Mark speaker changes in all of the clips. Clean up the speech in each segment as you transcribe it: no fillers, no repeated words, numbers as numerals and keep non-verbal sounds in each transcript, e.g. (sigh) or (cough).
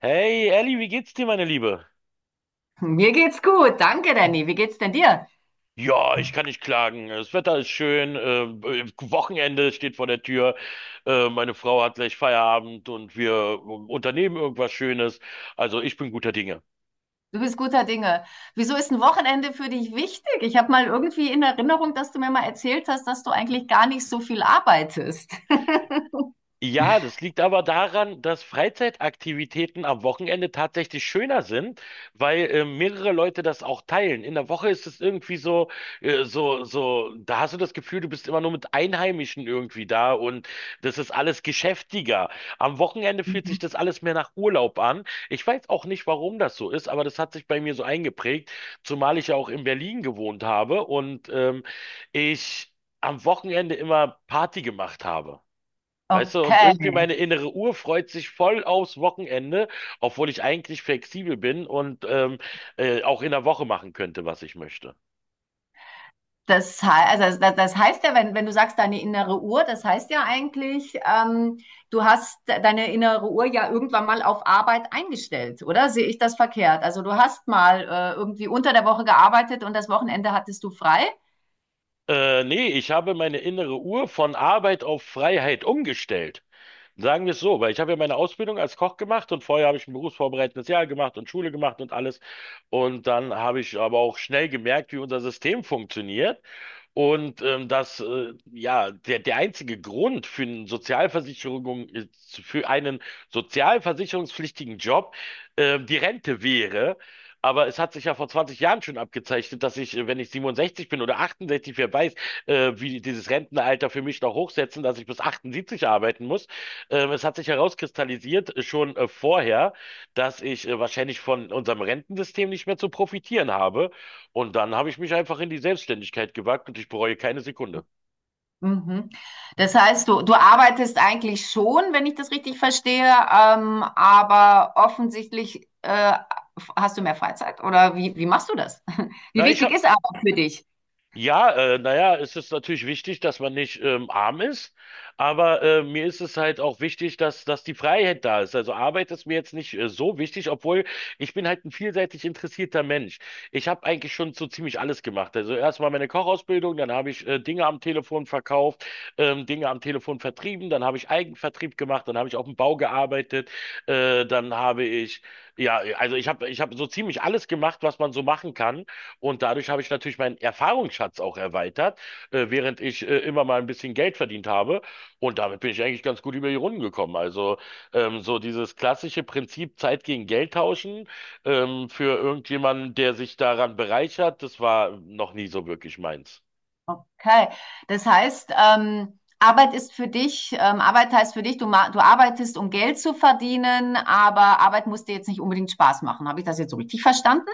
Speaker 1: Hey Elli, wie geht's dir, meine Liebe?
Speaker 2: Mir geht's gut. Danke, Danny. Wie geht's denn dir?
Speaker 1: Ja, ich kann nicht klagen. Das Wetter ist schön. Wochenende steht vor der Tür. Meine Frau hat gleich Feierabend und wir unternehmen irgendwas Schönes. Also ich bin guter Dinge.
Speaker 2: Du bist guter Dinge. Wieso ist ein Wochenende für dich wichtig? Ich habe mal irgendwie in Erinnerung, dass du mir mal erzählt hast, dass du eigentlich gar nicht so viel arbeitest. (laughs)
Speaker 1: Ja, das liegt aber daran, dass Freizeitaktivitäten am Wochenende tatsächlich schöner sind, weil mehrere Leute das auch teilen. In der Woche ist es irgendwie so, da hast du das Gefühl, du bist immer nur mit Einheimischen irgendwie da und das ist alles geschäftiger. Am Wochenende fühlt
Speaker 2: Mhm.
Speaker 1: sich das alles mehr nach Urlaub an. Ich weiß auch nicht, warum das so ist, aber das hat sich bei mir so eingeprägt, zumal ich ja auch in Berlin gewohnt habe und ich am Wochenende immer Party gemacht habe. Weißt du, und irgendwie meine
Speaker 2: Okay.
Speaker 1: innere Uhr freut sich voll aufs Wochenende, obwohl ich eigentlich flexibel bin und auch in der Woche machen könnte, was ich möchte.
Speaker 2: Das heißt, also das heißt ja, wenn du sagst, deine innere Uhr, das heißt ja eigentlich, du hast deine innere Uhr ja irgendwann mal auf Arbeit eingestellt, oder? Sehe ich das verkehrt? Also du hast mal irgendwie unter der Woche gearbeitet und das Wochenende hattest du frei?
Speaker 1: Nee, ich habe meine innere Uhr von Arbeit auf Freiheit umgestellt. Sagen wir es so, weil ich habe ja meine Ausbildung als Koch gemacht und vorher habe ich ein berufsvorbereitendes Jahr gemacht und Schule gemacht und alles. Und dann habe ich aber auch schnell gemerkt, wie unser System funktioniert. Und dass ja der einzige Grund für eine Sozialversicherung, ist- für einen sozialversicherungspflichtigen Job die Rente wäre. Aber es hat sich ja vor 20 Jahren schon abgezeichnet, dass wenn ich 67 bin oder 68, wer weiß, wie dieses Rentenalter für mich noch hochsetzen, dass ich bis 78 arbeiten muss. Es hat sich herauskristallisiert, schon vorher, dass ich wahrscheinlich von unserem Rentensystem nicht mehr zu profitieren habe. Und dann habe ich mich einfach in die Selbstständigkeit gewagt und ich bereue keine Sekunde.
Speaker 2: Mhm. Das heißt, du arbeitest eigentlich schon, wenn ich das richtig verstehe, aber offensichtlich hast du mehr Freizeit oder wie machst du das? (laughs) Wie
Speaker 1: Na, ich
Speaker 2: wichtig
Speaker 1: habe
Speaker 2: ist Arbeit für dich?
Speaker 1: Ja, naja, es ist natürlich wichtig, dass man nicht arm ist, aber mir ist es halt auch wichtig, dass die Freiheit da ist. Also Arbeit ist mir jetzt nicht so wichtig, obwohl ich bin halt ein vielseitig interessierter Mensch. Ich habe eigentlich schon so ziemlich alles gemacht. Also erstmal meine Kochausbildung, dann habe ich Dinge am Telefon verkauft, Dinge am Telefon vertrieben, dann habe ich Eigenvertrieb gemacht, dann habe ich auf dem Bau gearbeitet, äh, dann habe ich, ja, also ich hab so ziemlich alles gemacht, was man so machen kann. Und dadurch habe ich natürlich meinen Erfahrungsschatz auch erweitert, während ich immer mal ein bisschen Geld verdient habe. Und damit bin ich eigentlich ganz gut über die Runden gekommen. Also so dieses klassische Prinzip Zeit gegen Geld tauschen für irgendjemanden, der sich daran bereichert, das war noch nie so wirklich meins.
Speaker 2: Okay, das heißt, Arbeit ist für dich, Arbeit heißt für dich, du arbeitest, um Geld zu verdienen, aber Arbeit muss dir jetzt nicht unbedingt Spaß machen. Habe ich das jetzt so richtig verstanden?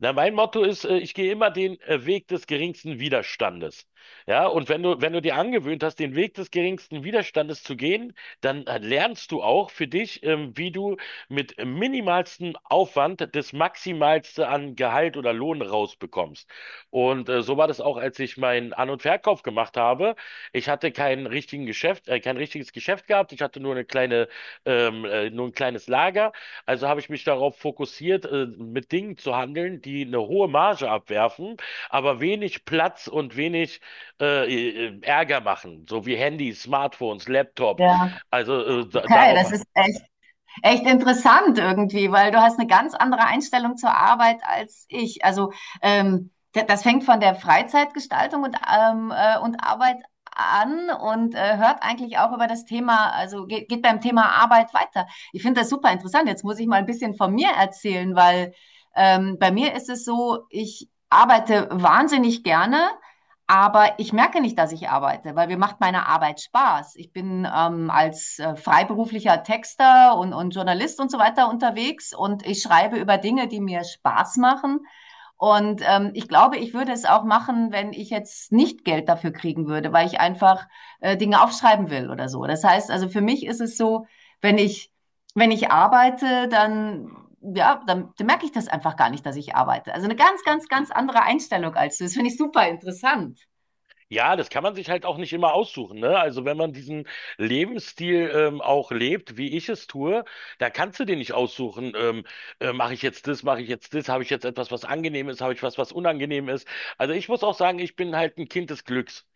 Speaker 1: Na, mein Motto ist, ich gehe immer den Weg des geringsten Widerstandes. Ja, und wenn du dir angewöhnt hast, den Weg des geringsten Widerstandes zu gehen, dann lernst du auch für dich, wie du mit minimalstem Aufwand das Maximalste an Gehalt oder Lohn rausbekommst. Und so war das auch, als ich meinen An- und Verkauf gemacht habe. Ich hatte keinen richtigen Geschäft, Kein richtiges Geschäft gehabt. Ich hatte nur nur ein kleines Lager. Also habe ich mich darauf fokussiert, mit Dingen zu handeln, die eine hohe Marge abwerfen, aber wenig Platz und wenig Ärger machen, so wie Handys, Smartphones, Laptops.
Speaker 2: Ja,
Speaker 1: Also da,
Speaker 2: okay,
Speaker 1: darauf
Speaker 2: das ist echt interessant irgendwie, weil du hast eine ganz andere Einstellung zur Arbeit als ich. Also ähm, das fängt von der Freizeitgestaltung und Arbeit an und hört eigentlich auch über das Thema, also geht beim Thema Arbeit weiter. Ich finde das super interessant. Jetzt muss ich mal ein bisschen von mir erzählen, weil bei mir ist es so, ich arbeite wahnsinnig gerne, aber ich merke nicht, dass ich arbeite, weil mir macht meine Arbeit Spaß. Ich bin als freiberuflicher Texter und Journalist und so weiter unterwegs und ich schreibe über Dinge, die mir Spaß machen. Und ich glaube, ich würde es auch machen, wenn ich jetzt nicht Geld dafür kriegen würde, weil ich einfach Dinge aufschreiben will oder so. Das heißt, also für mich ist es so, wenn ich, wenn ich arbeite, dann ja, dann merke ich das einfach gar nicht, dass ich arbeite. Also eine ganz, ganz, ganz andere Einstellung als du. Das finde ich super interessant.
Speaker 1: Ja, das kann man sich halt auch nicht immer aussuchen, ne? Also wenn man diesen Lebensstil auch lebt, wie ich es tue, da kannst du dir nicht aussuchen, mache ich jetzt das, mache ich jetzt das, habe ich jetzt etwas, was angenehm ist, habe ich was, was unangenehm ist. Also ich muss auch sagen, ich bin halt ein Kind des Glücks.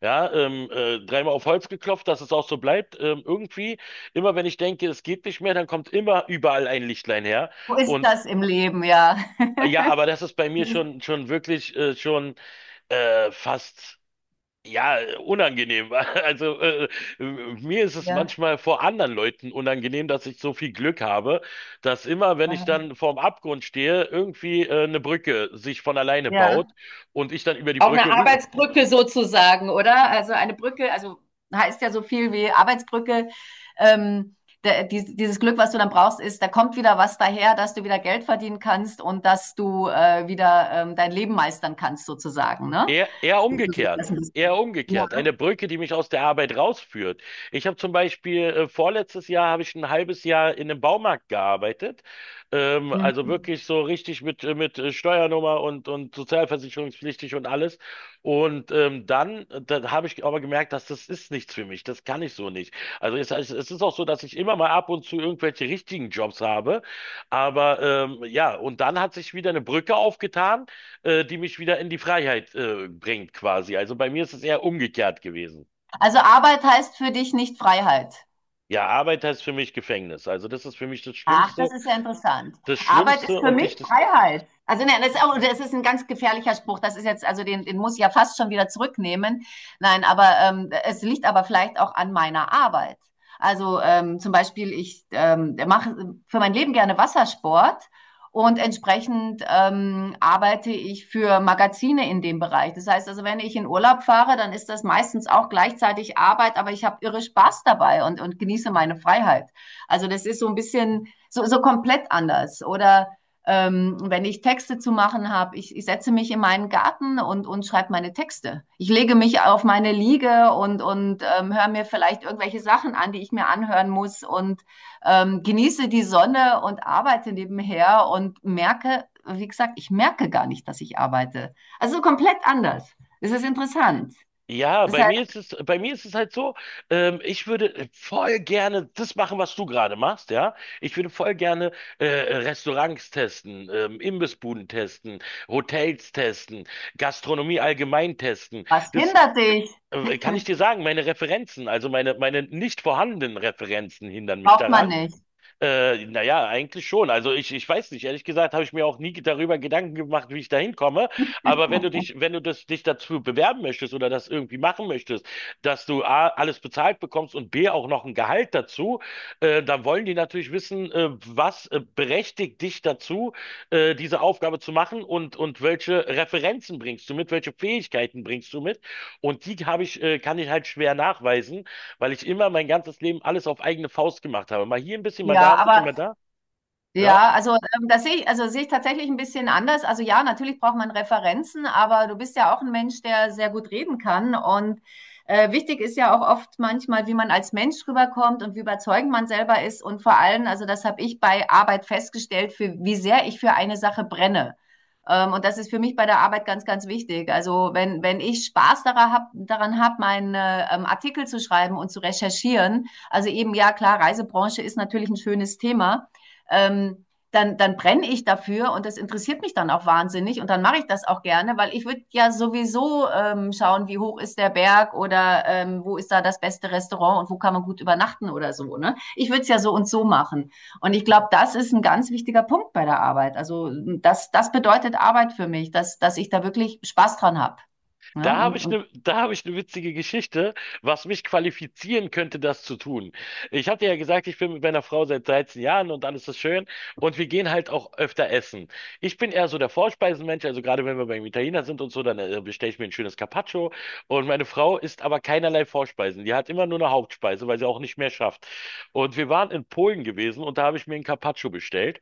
Speaker 1: Ja, dreimal auf Holz geklopft, dass es auch so bleibt. Irgendwie, immer wenn ich denke, es geht nicht mehr, dann kommt immer überall ein Lichtlein her.
Speaker 2: So ist
Speaker 1: Und
Speaker 2: das im Leben, ja.
Speaker 1: ja,
Speaker 2: (laughs)
Speaker 1: aber das ist bei mir schon wirklich, schon fast. Ja, unangenehm. (laughs) Also mir ist es
Speaker 2: Ja,
Speaker 1: manchmal vor anderen Leuten unangenehm, dass ich so viel Glück habe, dass immer, wenn ich
Speaker 2: aha,
Speaker 1: dann vorm Abgrund stehe, irgendwie eine Brücke sich von alleine baut
Speaker 2: ja.
Speaker 1: und ich dann über die
Speaker 2: Auch eine
Speaker 1: Brücke
Speaker 2: Arbeitsbrücke sozusagen, oder? Also, eine Brücke, also, heißt ja so viel wie Arbeitsbrücke. Ähm, Da dieses Glück, was du dann brauchst, ist, da kommt wieder was daher, dass du wieder Geld verdienen kannst und dass du, wieder, dein Leben meistern kannst sozusagen, ne?
Speaker 1: eher
Speaker 2: So sieht das
Speaker 1: umgekehrt.
Speaker 2: 'n
Speaker 1: Eher
Speaker 2: bisschen ja,
Speaker 1: umgekehrt. Eine Brücke, die mich aus der Arbeit rausführt. Ich habe zum Beispiel vorletztes Jahr habe ich ein halbes Jahr in einem Baumarkt gearbeitet. Also
Speaker 2: mhm.
Speaker 1: wirklich so richtig mit Steuernummer und sozialversicherungspflichtig und alles. Und da habe ich aber gemerkt, dass das ist nichts für mich. Das kann ich so nicht. Also es es ist auch so, dass ich immer mal ab und zu irgendwelche richtigen Jobs habe. Aber ja, und dann hat sich wieder eine Brücke aufgetan die mich wieder in die Freiheit bringt quasi. Also bei mir ist es eher umgekehrt gewesen.
Speaker 2: Also, Arbeit heißt für dich nicht Freiheit?
Speaker 1: Ja, Arbeit heißt für mich Gefängnis. Also das ist für mich
Speaker 2: Ach, das ist ja interessant.
Speaker 1: Das
Speaker 2: Arbeit ist
Speaker 1: Schlimmste
Speaker 2: für
Speaker 1: und dich
Speaker 2: mich
Speaker 1: das.
Speaker 2: Freiheit. Also nein, das ist, auch, das ist ein ganz gefährlicher Spruch. Das ist jetzt, also den muss ich ja fast schon wieder zurücknehmen. Nein, aber es liegt aber vielleicht auch an meiner Arbeit. Also zum Beispiel, ich mache für mein Leben gerne Wassersport und entsprechend arbeite ich für Magazine in dem Bereich. Das heißt also, wenn ich in Urlaub fahre, dann ist das meistens auch gleichzeitig Arbeit, aber ich habe irre Spaß dabei und genieße meine Freiheit. Also das ist so ein bisschen so komplett anders. Oder wenn ich Texte zu machen habe, ich setze mich in meinen Garten und schreibe meine Texte. Ich lege mich auf meine Liege und höre mir vielleicht irgendwelche Sachen an, die ich mir anhören muss und genieße die Sonne und arbeite nebenher und merke, wie gesagt, ich merke gar nicht, dass ich arbeite. Also komplett anders. Es ist interessant.
Speaker 1: Ja,
Speaker 2: Das heißt,
Speaker 1: bei mir ist es halt so, ich würde voll gerne das machen, was du gerade machst, ja. Ich würde voll gerne Restaurants testen, Imbissbuden testen, Hotels testen, Gastronomie allgemein testen.
Speaker 2: was
Speaker 1: Das
Speaker 2: hindert dich?
Speaker 1: kann ich dir sagen, meine Referenzen, also meine nicht vorhandenen Referenzen hindern mich
Speaker 2: Braucht man
Speaker 1: daran.
Speaker 2: nicht.
Speaker 1: Naja, eigentlich schon. Also ich weiß nicht, ehrlich gesagt habe ich mir auch nie darüber Gedanken gemacht, wie ich da hinkomme. Aber wenn du dich dazu bewerben möchtest oder das irgendwie machen möchtest, dass du A, alles bezahlt bekommst und B, auch noch ein Gehalt dazu, dann wollen die natürlich wissen, was berechtigt dich dazu, diese Aufgabe zu machen und welche Referenzen bringst du mit, welche Fähigkeiten bringst du mit. Und die habe ich, kann ich halt schwer nachweisen, weil ich immer mein ganzes Leben alles auf eigene Faust gemacht habe. Mal hier ein bisschen, mal da,
Speaker 2: Ja,
Speaker 1: ein bisschen,
Speaker 2: aber
Speaker 1: mal da. Ja,
Speaker 2: Ja, also das sehe ich, also sehe ich tatsächlich ein bisschen anders. Also ja, natürlich braucht man Referenzen, aber du bist ja auch ein Mensch, der sehr gut reden kann. Und wichtig ist ja auch oft manchmal, wie man als Mensch rüberkommt und wie überzeugend man selber ist. Und vor allem, also das habe ich bei Arbeit festgestellt, für wie sehr ich für eine Sache brenne. Und das ist für mich bei der Arbeit ganz, ganz wichtig. Also wenn ich Spaß daran hab, meinen Artikel zu schreiben und zu recherchieren, also eben ja klar, Reisebranche ist natürlich ein schönes Thema, ähm, dann brenne ich dafür und das interessiert mich dann auch wahnsinnig und dann mache ich das auch gerne, weil ich würde ja sowieso schauen, wie hoch ist der Berg oder wo ist da das beste Restaurant und wo kann man gut übernachten oder so. Ne? Ich würde es ja so und so machen. Und ich glaube, das ist ein ganz wichtiger Punkt bei der Arbeit. Also das bedeutet Arbeit für mich, dass ich da wirklich Spaß dran habe. Ne? Und, und
Speaker 1: da habe ich eine witzige Geschichte, was mich qualifizieren könnte, das zu tun. Ich hatte ja gesagt, ich bin mit meiner Frau seit 13 Jahren und alles ist schön und wir gehen halt auch öfter essen. Ich bin eher so der Vorspeisenmensch, also gerade wenn wir beim Italiener sind und so, dann bestelle ich mir ein schönes Carpaccio und meine Frau isst aber keinerlei Vorspeisen. Die hat immer nur eine Hauptspeise, weil sie auch nicht mehr schafft. Und wir waren in Polen gewesen und da habe ich mir ein Carpaccio bestellt.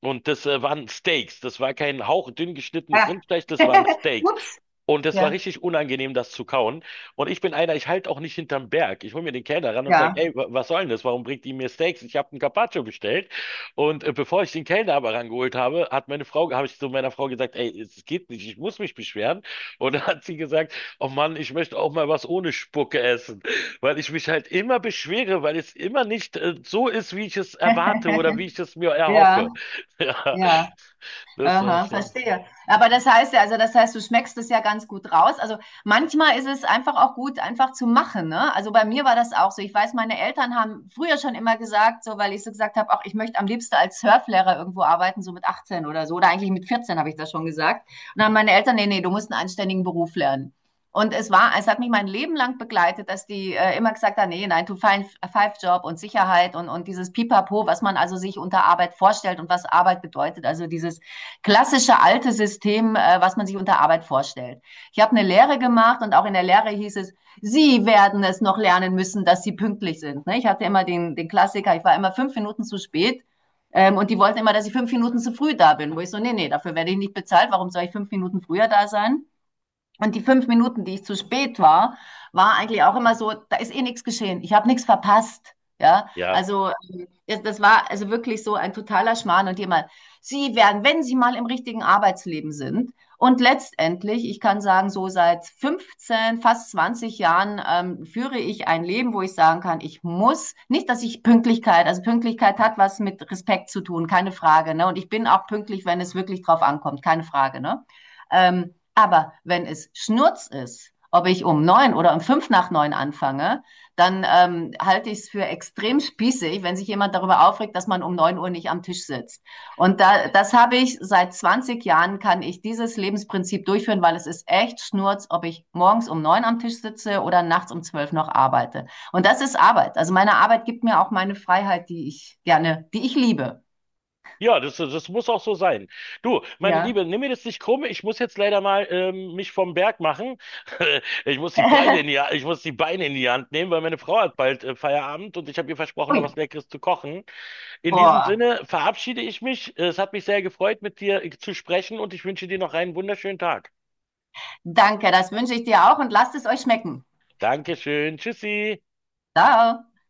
Speaker 1: Und das waren Steaks. Das war kein hauchdünn geschnittenes
Speaker 2: ja.
Speaker 1: Rindfleisch, das waren
Speaker 2: (laughs)
Speaker 1: Steaks.
Speaker 2: Ups.
Speaker 1: Und das war
Speaker 2: Ja.
Speaker 1: richtig unangenehm, das zu kauen. Und ich bin einer, ich halte auch nicht hinterm Berg. Ich hole mir den Kellner ran und sage,
Speaker 2: Ja.
Speaker 1: ey, was soll denn das? Warum bringt die mir Steaks? Ich habe einen Carpaccio bestellt. Und bevor ich den Kellner aber rangeholt habe, habe ich zu meiner Frau gesagt, ey, es geht nicht, ich muss mich beschweren. Und dann hat sie gesagt, oh Mann, ich möchte auch mal was ohne Spucke essen. Weil ich mich halt immer beschwere, weil es immer nicht so ist, wie ich es erwarte oder
Speaker 2: (laughs)
Speaker 1: wie ich es mir
Speaker 2: ja,
Speaker 1: erhoffe. (laughs) Ja,
Speaker 2: ja.
Speaker 1: das war
Speaker 2: Aha,
Speaker 1: schon.
Speaker 2: verstehe. Aber das heißt ja, also das heißt, du schmeckst es ja ganz gut raus. Also manchmal ist es einfach auch gut, einfach zu machen. Ne? Also bei mir war das auch so. Ich weiß, meine Eltern haben früher schon immer gesagt, so weil ich so gesagt habe, auch ich möchte am liebsten als Surflehrer irgendwo arbeiten, so mit 18 oder so. Oder eigentlich mit 14 habe ich das schon gesagt. Und dann haben meine Eltern, nee, nee, du musst einen anständigen Beruf lernen. Und es war, es hat mich mein Leben lang begleitet, dass die immer gesagt haben, nee, nein, nine to five Job und Sicherheit und dieses Pipapo, was man also sich unter Arbeit vorstellt und was Arbeit bedeutet. Also dieses klassische alte System, was man sich unter Arbeit vorstellt. Ich habe eine Lehre gemacht und auch in der Lehre hieß es, Sie werden es noch lernen müssen, dass Sie pünktlich sind. Ne? Ich hatte immer den Klassiker, ich war immer 5 Minuten zu spät, und die wollten immer, dass ich 5 Minuten zu früh da bin, wo ich so, nee, nee, dafür werde ich nicht bezahlt, warum soll ich 5 Minuten früher da sein? Und die 5 Minuten, die ich zu spät war, war eigentlich auch immer so, da ist eh nichts geschehen. Ich habe nichts verpasst. Ja,
Speaker 1: Ja.
Speaker 2: also das war also wirklich so ein totaler Schmarrn und jemand, Sie werden, wenn Sie mal im richtigen Arbeitsleben sind, und letztendlich, ich kann sagen, so seit 15, fast 20 Jahren führe ich ein Leben, wo ich sagen kann, ich muss, nicht, dass ich Pünktlichkeit, also Pünktlichkeit hat was mit Respekt zu tun, keine Frage, ne? Und ich bin auch pünktlich, wenn es wirklich drauf ankommt, keine Frage, ne? Ähm, aber wenn es Schnurz ist, ob ich um neun oder um fünf nach neun anfange, dann halte ich es für extrem spießig, wenn sich jemand darüber aufregt, dass man um 9 Uhr nicht am Tisch sitzt. Und da, das habe ich seit 20 Jahren, kann ich dieses Lebensprinzip durchführen, weil es ist echt Schnurz, ob ich morgens um neun am Tisch sitze oder nachts um zwölf noch arbeite. Und das ist Arbeit. Also meine Arbeit gibt mir auch meine Freiheit, die ich liebe.
Speaker 1: Ja, das muss auch so sein. Du, meine
Speaker 2: Ja.
Speaker 1: Liebe, nimm mir das nicht krumm. Ich muss jetzt leider mal mich vom Berg machen. (laughs) Ich muss die Beine in die,
Speaker 2: (laughs)
Speaker 1: Ha- ich muss die Beine in die Hand nehmen, weil meine Frau hat bald Feierabend und ich habe ihr versprochen, noch
Speaker 2: Ui.
Speaker 1: was Leckeres zu kochen. In diesem
Speaker 2: Oh,
Speaker 1: Sinne verabschiede ich mich. Es hat mich sehr gefreut, mit dir zu sprechen und ich wünsche dir noch einen wunderschönen Tag.
Speaker 2: danke, das wünsche ich dir auch und lasst es euch schmecken.
Speaker 1: Dankeschön. Tschüssi.
Speaker 2: Ciao.